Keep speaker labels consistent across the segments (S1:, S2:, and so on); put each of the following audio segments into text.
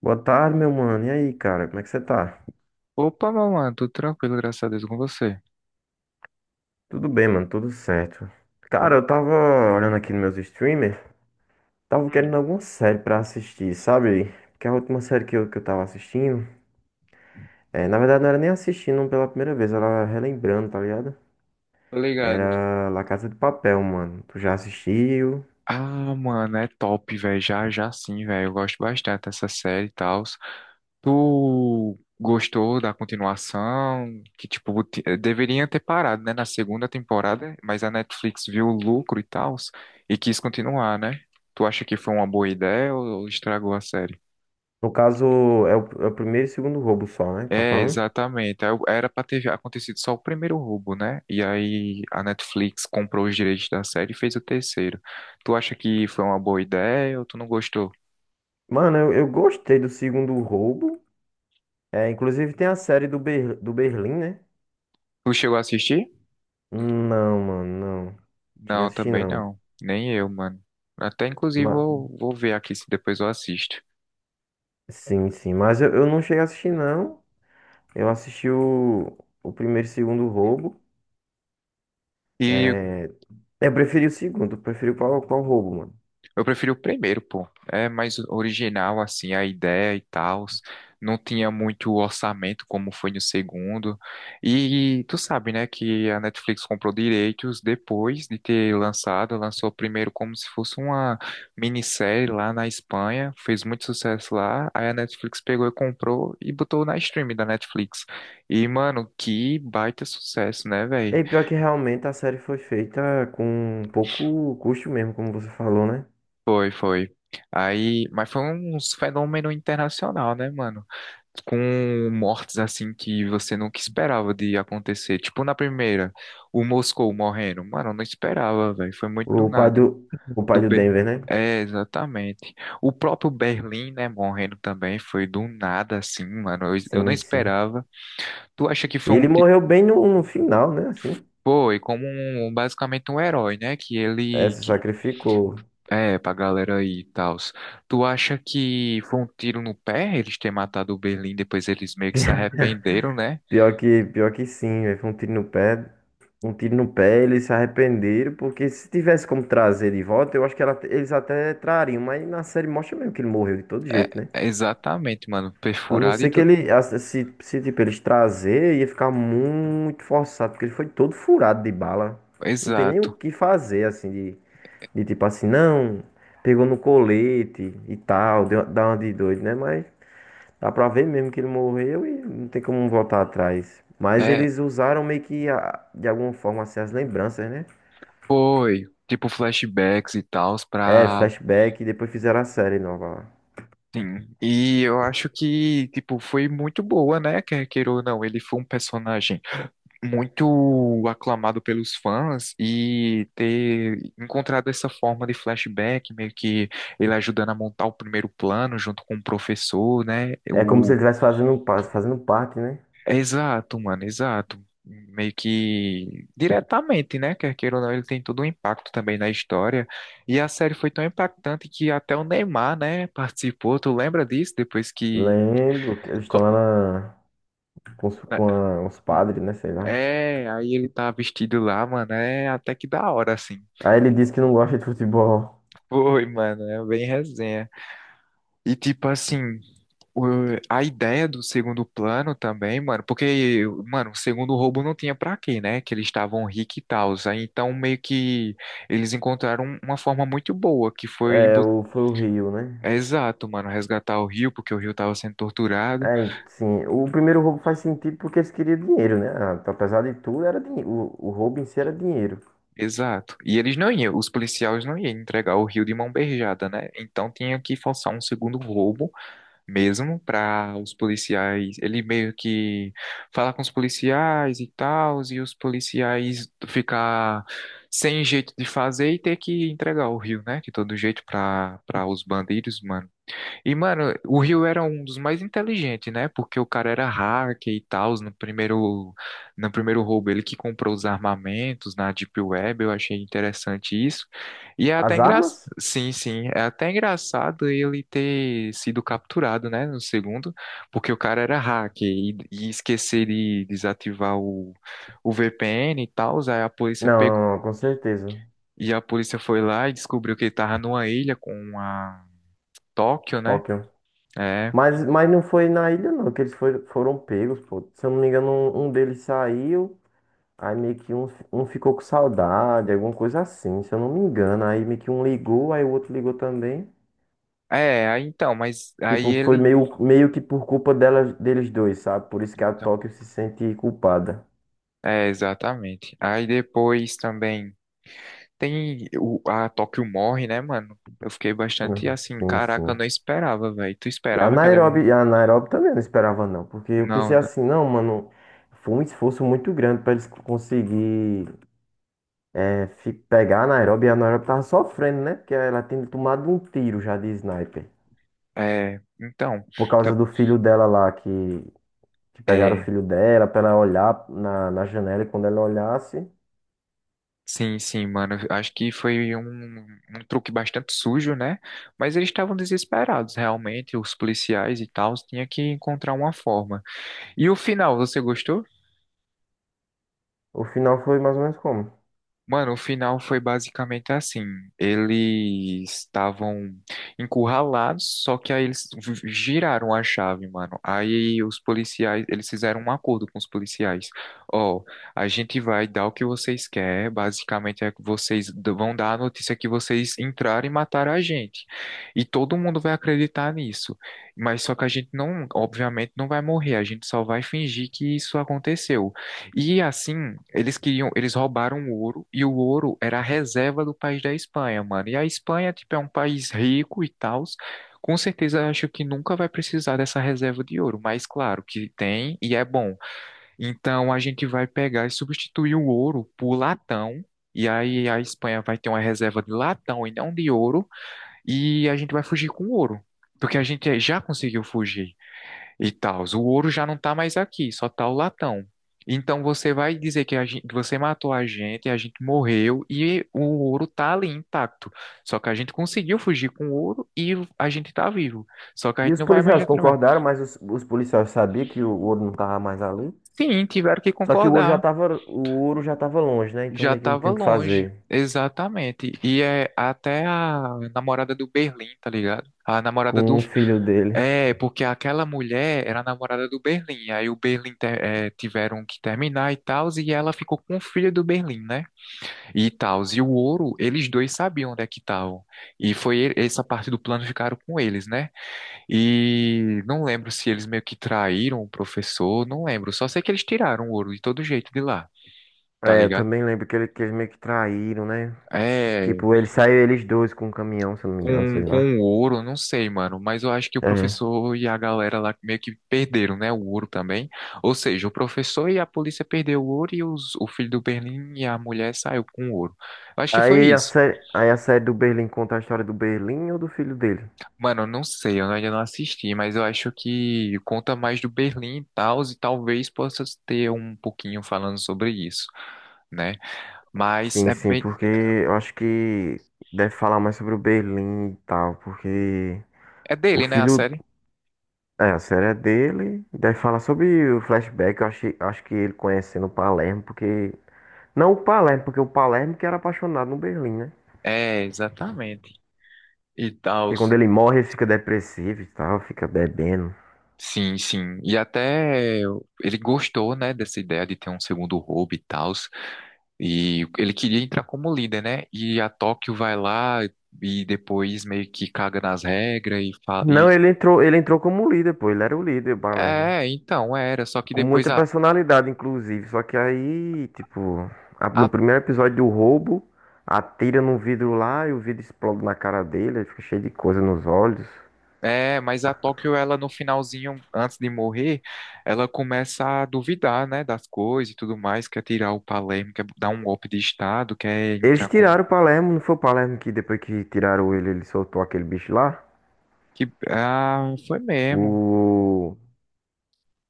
S1: Boa tarde, meu mano. E aí, cara, como é que você tá?
S2: Opa, meu mano, tudo tranquilo, graças a Deus, com você.
S1: Tudo bem, mano, tudo certo. Cara, eu tava olhando aqui nos meus streamers, tava
S2: Hum,
S1: querendo alguma série pra assistir, sabe? Porque a última série que eu tava assistindo, na verdade não era nem assistindo um pela primeira vez, era relembrando, tá ligado?
S2: tô ligado.
S1: Era La Casa de Papel, mano. Tu já assistiu?
S2: Ah, mano, é top, velho. Já, já sim, velho. Eu gosto bastante dessa série e tal. Tu gostou da continuação? Que, tipo, deveria ter parado, né, na segunda temporada, mas a Netflix viu o lucro e tal e quis continuar, né? Tu acha que foi uma boa ideia ou estragou a série?
S1: No caso, é o primeiro e segundo roubo só, né? Tá
S2: É,
S1: falando?
S2: exatamente. Era pra ter já acontecido só o primeiro roubo, né? E aí a Netflix comprou os direitos da série e fez o terceiro. Tu acha que foi uma boa ideia ou tu não gostou?
S1: Mano, eu gostei do segundo roubo. É, inclusive tem a série do, do Berlim, né?
S2: Tu chegou a assistir?
S1: Não, mano, não. Cheguei a
S2: Não,
S1: assistir,
S2: também
S1: não.
S2: não. Nem eu, mano. Até inclusive
S1: Mas,
S2: vou ver aqui se depois eu assisto.
S1: sim, sim. Mas eu não cheguei a assistir, não. Eu assisti o primeiro e segundo roubo.
S2: E
S1: É, eu preferi o segundo. Eu preferi o qual roubo, mano.
S2: eu preferi o primeiro, pô. É mais original, assim, a ideia e tal. Não tinha muito orçamento como foi no segundo. E tu sabe, né, que a Netflix comprou direitos depois de ter lançado. Lançou primeiro como se fosse uma minissérie lá na Espanha. Fez muito sucesso lá. Aí a Netflix pegou e comprou e botou na stream da Netflix. E, mano, que baita sucesso, né, velho?
S1: E pior que realmente a série foi feita com pouco custo mesmo, como você falou, né?
S2: Foi, foi. Aí, mas foi um fenômeno internacional, né, mano? Com mortes assim que você nunca esperava de acontecer. Tipo na primeira, o Moscou morrendo. Mano, eu não esperava, velho. Foi muito do
S1: O pai
S2: nada.
S1: o pai
S2: Do
S1: do
S2: B.
S1: Denver, né?
S2: É, exatamente. O próprio Berlim, né, morrendo também foi do nada assim, mano. Eu não
S1: Sim, sim.
S2: esperava. Tu acha que
S1: E
S2: foi um
S1: ele
S2: ti-
S1: morreu bem no final, né? Assim,
S2: Foi como um, basicamente um herói, né, que
S1: é,
S2: ele
S1: se
S2: que
S1: sacrificou.
S2: é, pra galera aí e tal. Tu acha que foi um tiro no pé eles terem matado o Berlim, depois eles meio que se arrependeram, né?
S1: Pior que sim, velho. Foi um tiro no pé. Um tiro no pé, eles se arrependeram, porque se tivesse como trazer de volta, eu acho que eles até trariam, mas na série mostra mesmo que ele morreu de todo
S2: É,
S1: jeito, né?
S2: é exatamente, mano.
S1: A não
S2: Perfurado e
S1: ser que
S2: tudo. Mais.
S1: ele, a- se tipo, eles trazer, ia ficar muito forçado, porque ele foi todo furado de bala. Não tem nem o
S2: Exato.
S1: que fazer, assim, não, pegou no colete e tal, dá uma de doido, né? Mas dá pra ver mesmo que ele morreu e não tem como voltar atrás. Mas
S2: É,
S1: eles usaram meio que de alguma forma assim, as lembranças, né?
S2: foi. Tipo, flashbacks e tal,
S1: É,
S2: pra.
S1: flashback e depois fizeram a série nova lá.
S2: Sim. E eu acho que, tipo, foi muito boa, né? Quer queira ou não, ele foi um personagem muito aclamado pelos fãs e ter encontrado essa forma de flashback, meio que ele ajudando a montar o primeiro plano junto com o professor, né?
S1: É como se
S2: O
S1: ele estivesse fazendo, fazendo parte, né?
S2: exato, mano, exato. Meio que diretamente, né? Quer queira ou não, ele tem todo um impacto também na história. E a série foi tão impactante que até o Neymar, né, participou. Tu lembra disso? Depois que.
S1: Lembro que eles
S2: Co-
S1: estão lá com, com os padres, né? Sei lá.
S2: é, aí ele tá vestido lá, mano. É até que da hora, assim.
S1: Aí ele disse que não gosta de futebol.
S2: Foi, mano, é bem resenha. E tipo assim, o- a ideia do segundo plano também, mano, porque, mano, o segundo roubo não tinha pra quê, né? Que eles estavam ricos e tal. Aí então meio que eles encontraram uma forma muito boa, que foi
S1: É,
S2: bot-
S1: foi o Rio, né?
S2: exato, mano, resgatar o Rio, porque o Rio tava sendo torturado.
S1: É, sim. O primeiro roubo faz sentido porque eles queriam dinheiro, né? Ah, apesar de tudo, era dinheiro. O roubo em si era dinheiro.
S2: Exato. E eles não iam, os policiais não iam entregar o Rio de mão beijada, né? Então tinha que forçar um segundo roubo mesmo para os policiais. Ele meio que fala com os policiais e tal, e os policiais ficar sem jeito de fazer e ter que entregar o Rio, né? De todo jeito para os bandidos, mano. E, mano, o Rio era um dos mais inteligentes, né? Porque o cara era hacker e tal, no primeiro roubo ele que comprou os armamentos na Deep Web, eu achei interessante isso. E é até
S1: As
S2: engraçado,
S1: armas?
S2: sim, sim, é até engraçado ele ter sido capturado, né, no segundo, porque o cara era hacker e esquecer de desativar o VPN e tal, aí a polícia pegou,
S1: Não, não, com certeza.
S2: e a polícia foi lá e descobriu que ele tava numa ilha com a Tóquio, né?
S1: Tóquio.
S2: É,
S1: Mas não foi na ilha, não, que eles foram, foram pegos, pô. Se eu não me engano, um deles saiu, aí meio que um ficou com saudade, alguma coisa assim, se eu não me engano. Aí meio que um ligou, aí o outro ligou também.
S2: é, aí então, mas aí
S1: Tipo, foi
S2: ele.
S1: meio, meio que por culpa dela, deles dois, sabe? Por isso que a
S2: Então.
S1: Tóquio se sente culpada.
S2: É, exatamente. Aí depois também tem a Tóquio morre, né, mano? Eu fiquei bastante
S1: Uhum.
S2: assim,
S1: Sim,
S2: caraca, eu
S1: sim.
S2: não esperava, velho. Tu esperava que ela ia morrer?
S1: E a Nairobi também eu não esperava, não, porque eu
S2: Não,
S1: pensei
S2: não.
S1: assim, não, mano, foi um esforço muito grande pra eles conseguir. É, pegar a Nairobi, e a Nairobi tava sofrendo, né? Porque ela tinha tomado um tiro já de sniper.
S2: É, então,
S1: Por causa
S2: tá-
S1: do filho dela lá, que pegaram o
S2: é,
S1: filho dela pra ela olhar na janela e quando ela olhasse,
S2: sim, sim, mano. Eu acho que foi um, um truque bastante sujo, né? Mas eles estavam desesperados, realmente, os policiais e tal, tinha que encontrar uma forma. E o final, você gostou?
S1: o final foi mais ou menos como.
S2: Mano, o final foi basicamente assim. Eles estavam encurralados, só que aí giraram a chave, mano. Aí os policiais, eles fizeram um acordo com os policiais. Ó, a gente vai dar o que vocês querem, basicamente é que vão dar a notícia que vocês entraram e mataram a gente. E todo mundo vai acreditar nisso. Mas só que a gente não, obviamente, não vai morrer, a gente só vai fingir que isso aconteceu. E assim, eles queriam, eles roubaram o ouro e o ouro era a reserva do país da Espanha, mano. E a Espanha, tipo, é um país rico e tal. Com certeza, eu acho que nunca vai precisar dessa reserva de ouro, mas claro que tem e é bom. Então a gente vai pegar e substituir o ouro por latão. E aí a Espanha vai ter uma reserva de latão e não de ouro, e a gente vai fugir com ouro, porque a gente já conseguiu fugir e tal. O ouro já não tá mais aqui, só tá o latão. Então você vai dizer que a gente, você matou a gente morreu e o ouro tá ali intacto. Só que a gente conseguiu fugir com o ouro e a gente tá vivo. Só que a
S1: E
S2: gente
S1: os
S2: não vai mais
S1: policiais
S2: já trabalhar.
S1: concordaram, mas os policiais sabiam que o ouro não tava mais ali.
S2: Sim, tiveram que
S1: Só que
S2: concordar.
S1: o ouro já tava longe, né? Então
S2: Já
S1: meio que não
S2: estava
S1: tinha o que
S2: longe.
S1: fazer
S2: Exatamente. E é até a namorada do Berlim, tá ligado? A namorada do
S1: com o filho dele.
S2: é, porque aquela mulher era a namorada do Berlim, aí o Berlim te- eh, tiveram que terminar e tal, e ela ficou com o filho do Berlim, né? E tal, e o ouro, eles dois sabiam onde é que estavam. E essa parte do plano ficaram com eles, né? E não lembro se eles meio que traíram o professor, não lembro, só sei que eles tiraram o ouro de todo jeito de lá, tá
S1: É, eu
S2: ligado?
S1: também lembro que, ele, que eles meio que traíram, né?
S2: É,
S1: Tipo, ele saiu eles dois com um caminhão, se eu não me engano, sei lá.
S2: com o ouro, não sei, mano, mas eu acho que o
S1: É.
S2: professor e a galera lá meio que perderam, né, o ouro também. Ou seja, o professor e a polícia perderam o ouro e o filho do Berlim e a mulher saiu com o ouro. Eu acho que foi isso.
S1: Aí a série do Berlim conta a história do Berlim ou do filho dele?
S2: Mano, eu não sei, eu ainda não assisti, mas eu acho que conta mais do Berlim e tal, e talvez possa ter um pouquinho falando sobre isso, né? Mas
S1: Sim,
S2: é
S1: sim,
S2: bem,
S1: porque eu acho que deve falar mais sobre o Berlim e tal, porque
S2: é
S1: o
S2: dele, né, a
S1: filho,
S2: série?
S1: é, a série é dele, deve falar sobre o flashback, eu acho, acho que ele conhecendo o Palermo, porque, não o Palermo, porque o Palermo que era apaixonado no Berlim, né?
S2: É, exatamente. E tal.
S1: Porque quando ele morre, ele fica depressivo e tal, fica bebendo.
S2: Sim, sim. E até ele gostou, né, dessa ideia de ter um segundo roubo e tal. E ele queria entrar como líder, né? E a Tóquio vai lá e depois meio que caga nas regras e fala.
S1: Não,
S2: E...
S1: ele entrou como líder, pô, ele era o líder, o Palermo.
S2: É, então era. Só que
S1: Com
S2: depois
S1: muita personalidade, inclusive. Só que aí, tipo, no
S2: a.
S1: primeiro episódio do roubo, atira num vidro lá e o vidro explode na cara dele, aí fica cheio de coisa nos olhos.
S2: É, mas a Tóquio, ela no finalzinho, antes de morrer, ela começa a duvidar, né, das coisas e tudo mais, quer tirar o Palermo, quer dar um golpe de Estado, quer entrar
S1: Eles
S2: como.
S1: tiraram o Palermo, não foi o Palermo que depois que tiraram ele, ele soltou aquele bicho lá?
S2: Que... Ah, foi mesmo.
S1: O.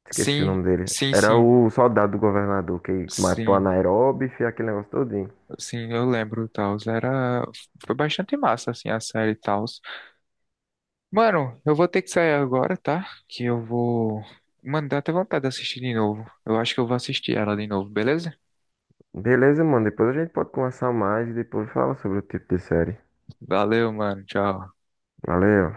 S1: Esqueci o
S2: Sim,
S1: nome dele.
S2: sim,
S1: Era
S2: sim.
S1: o soldado do governador que matou a
S2: Sim,
S1: Nairobi e fez aquele negócio todinho.
S2: sim, eu lembro, Taos. Era. Foi bastante massa, assim, a série Taos. Mano, eu vou ter que sair agora, tá? Que eu vou. Mano, dá até vontade de assistir de novo. Eu acho que eu vou assistir ela de novo, beleza?
S1: Beleza, mano. Depois a gente pode conversar mais e depois fala sobre o tipo de série.
S2: Valeu, mano. Tchau.
S1: Valeu.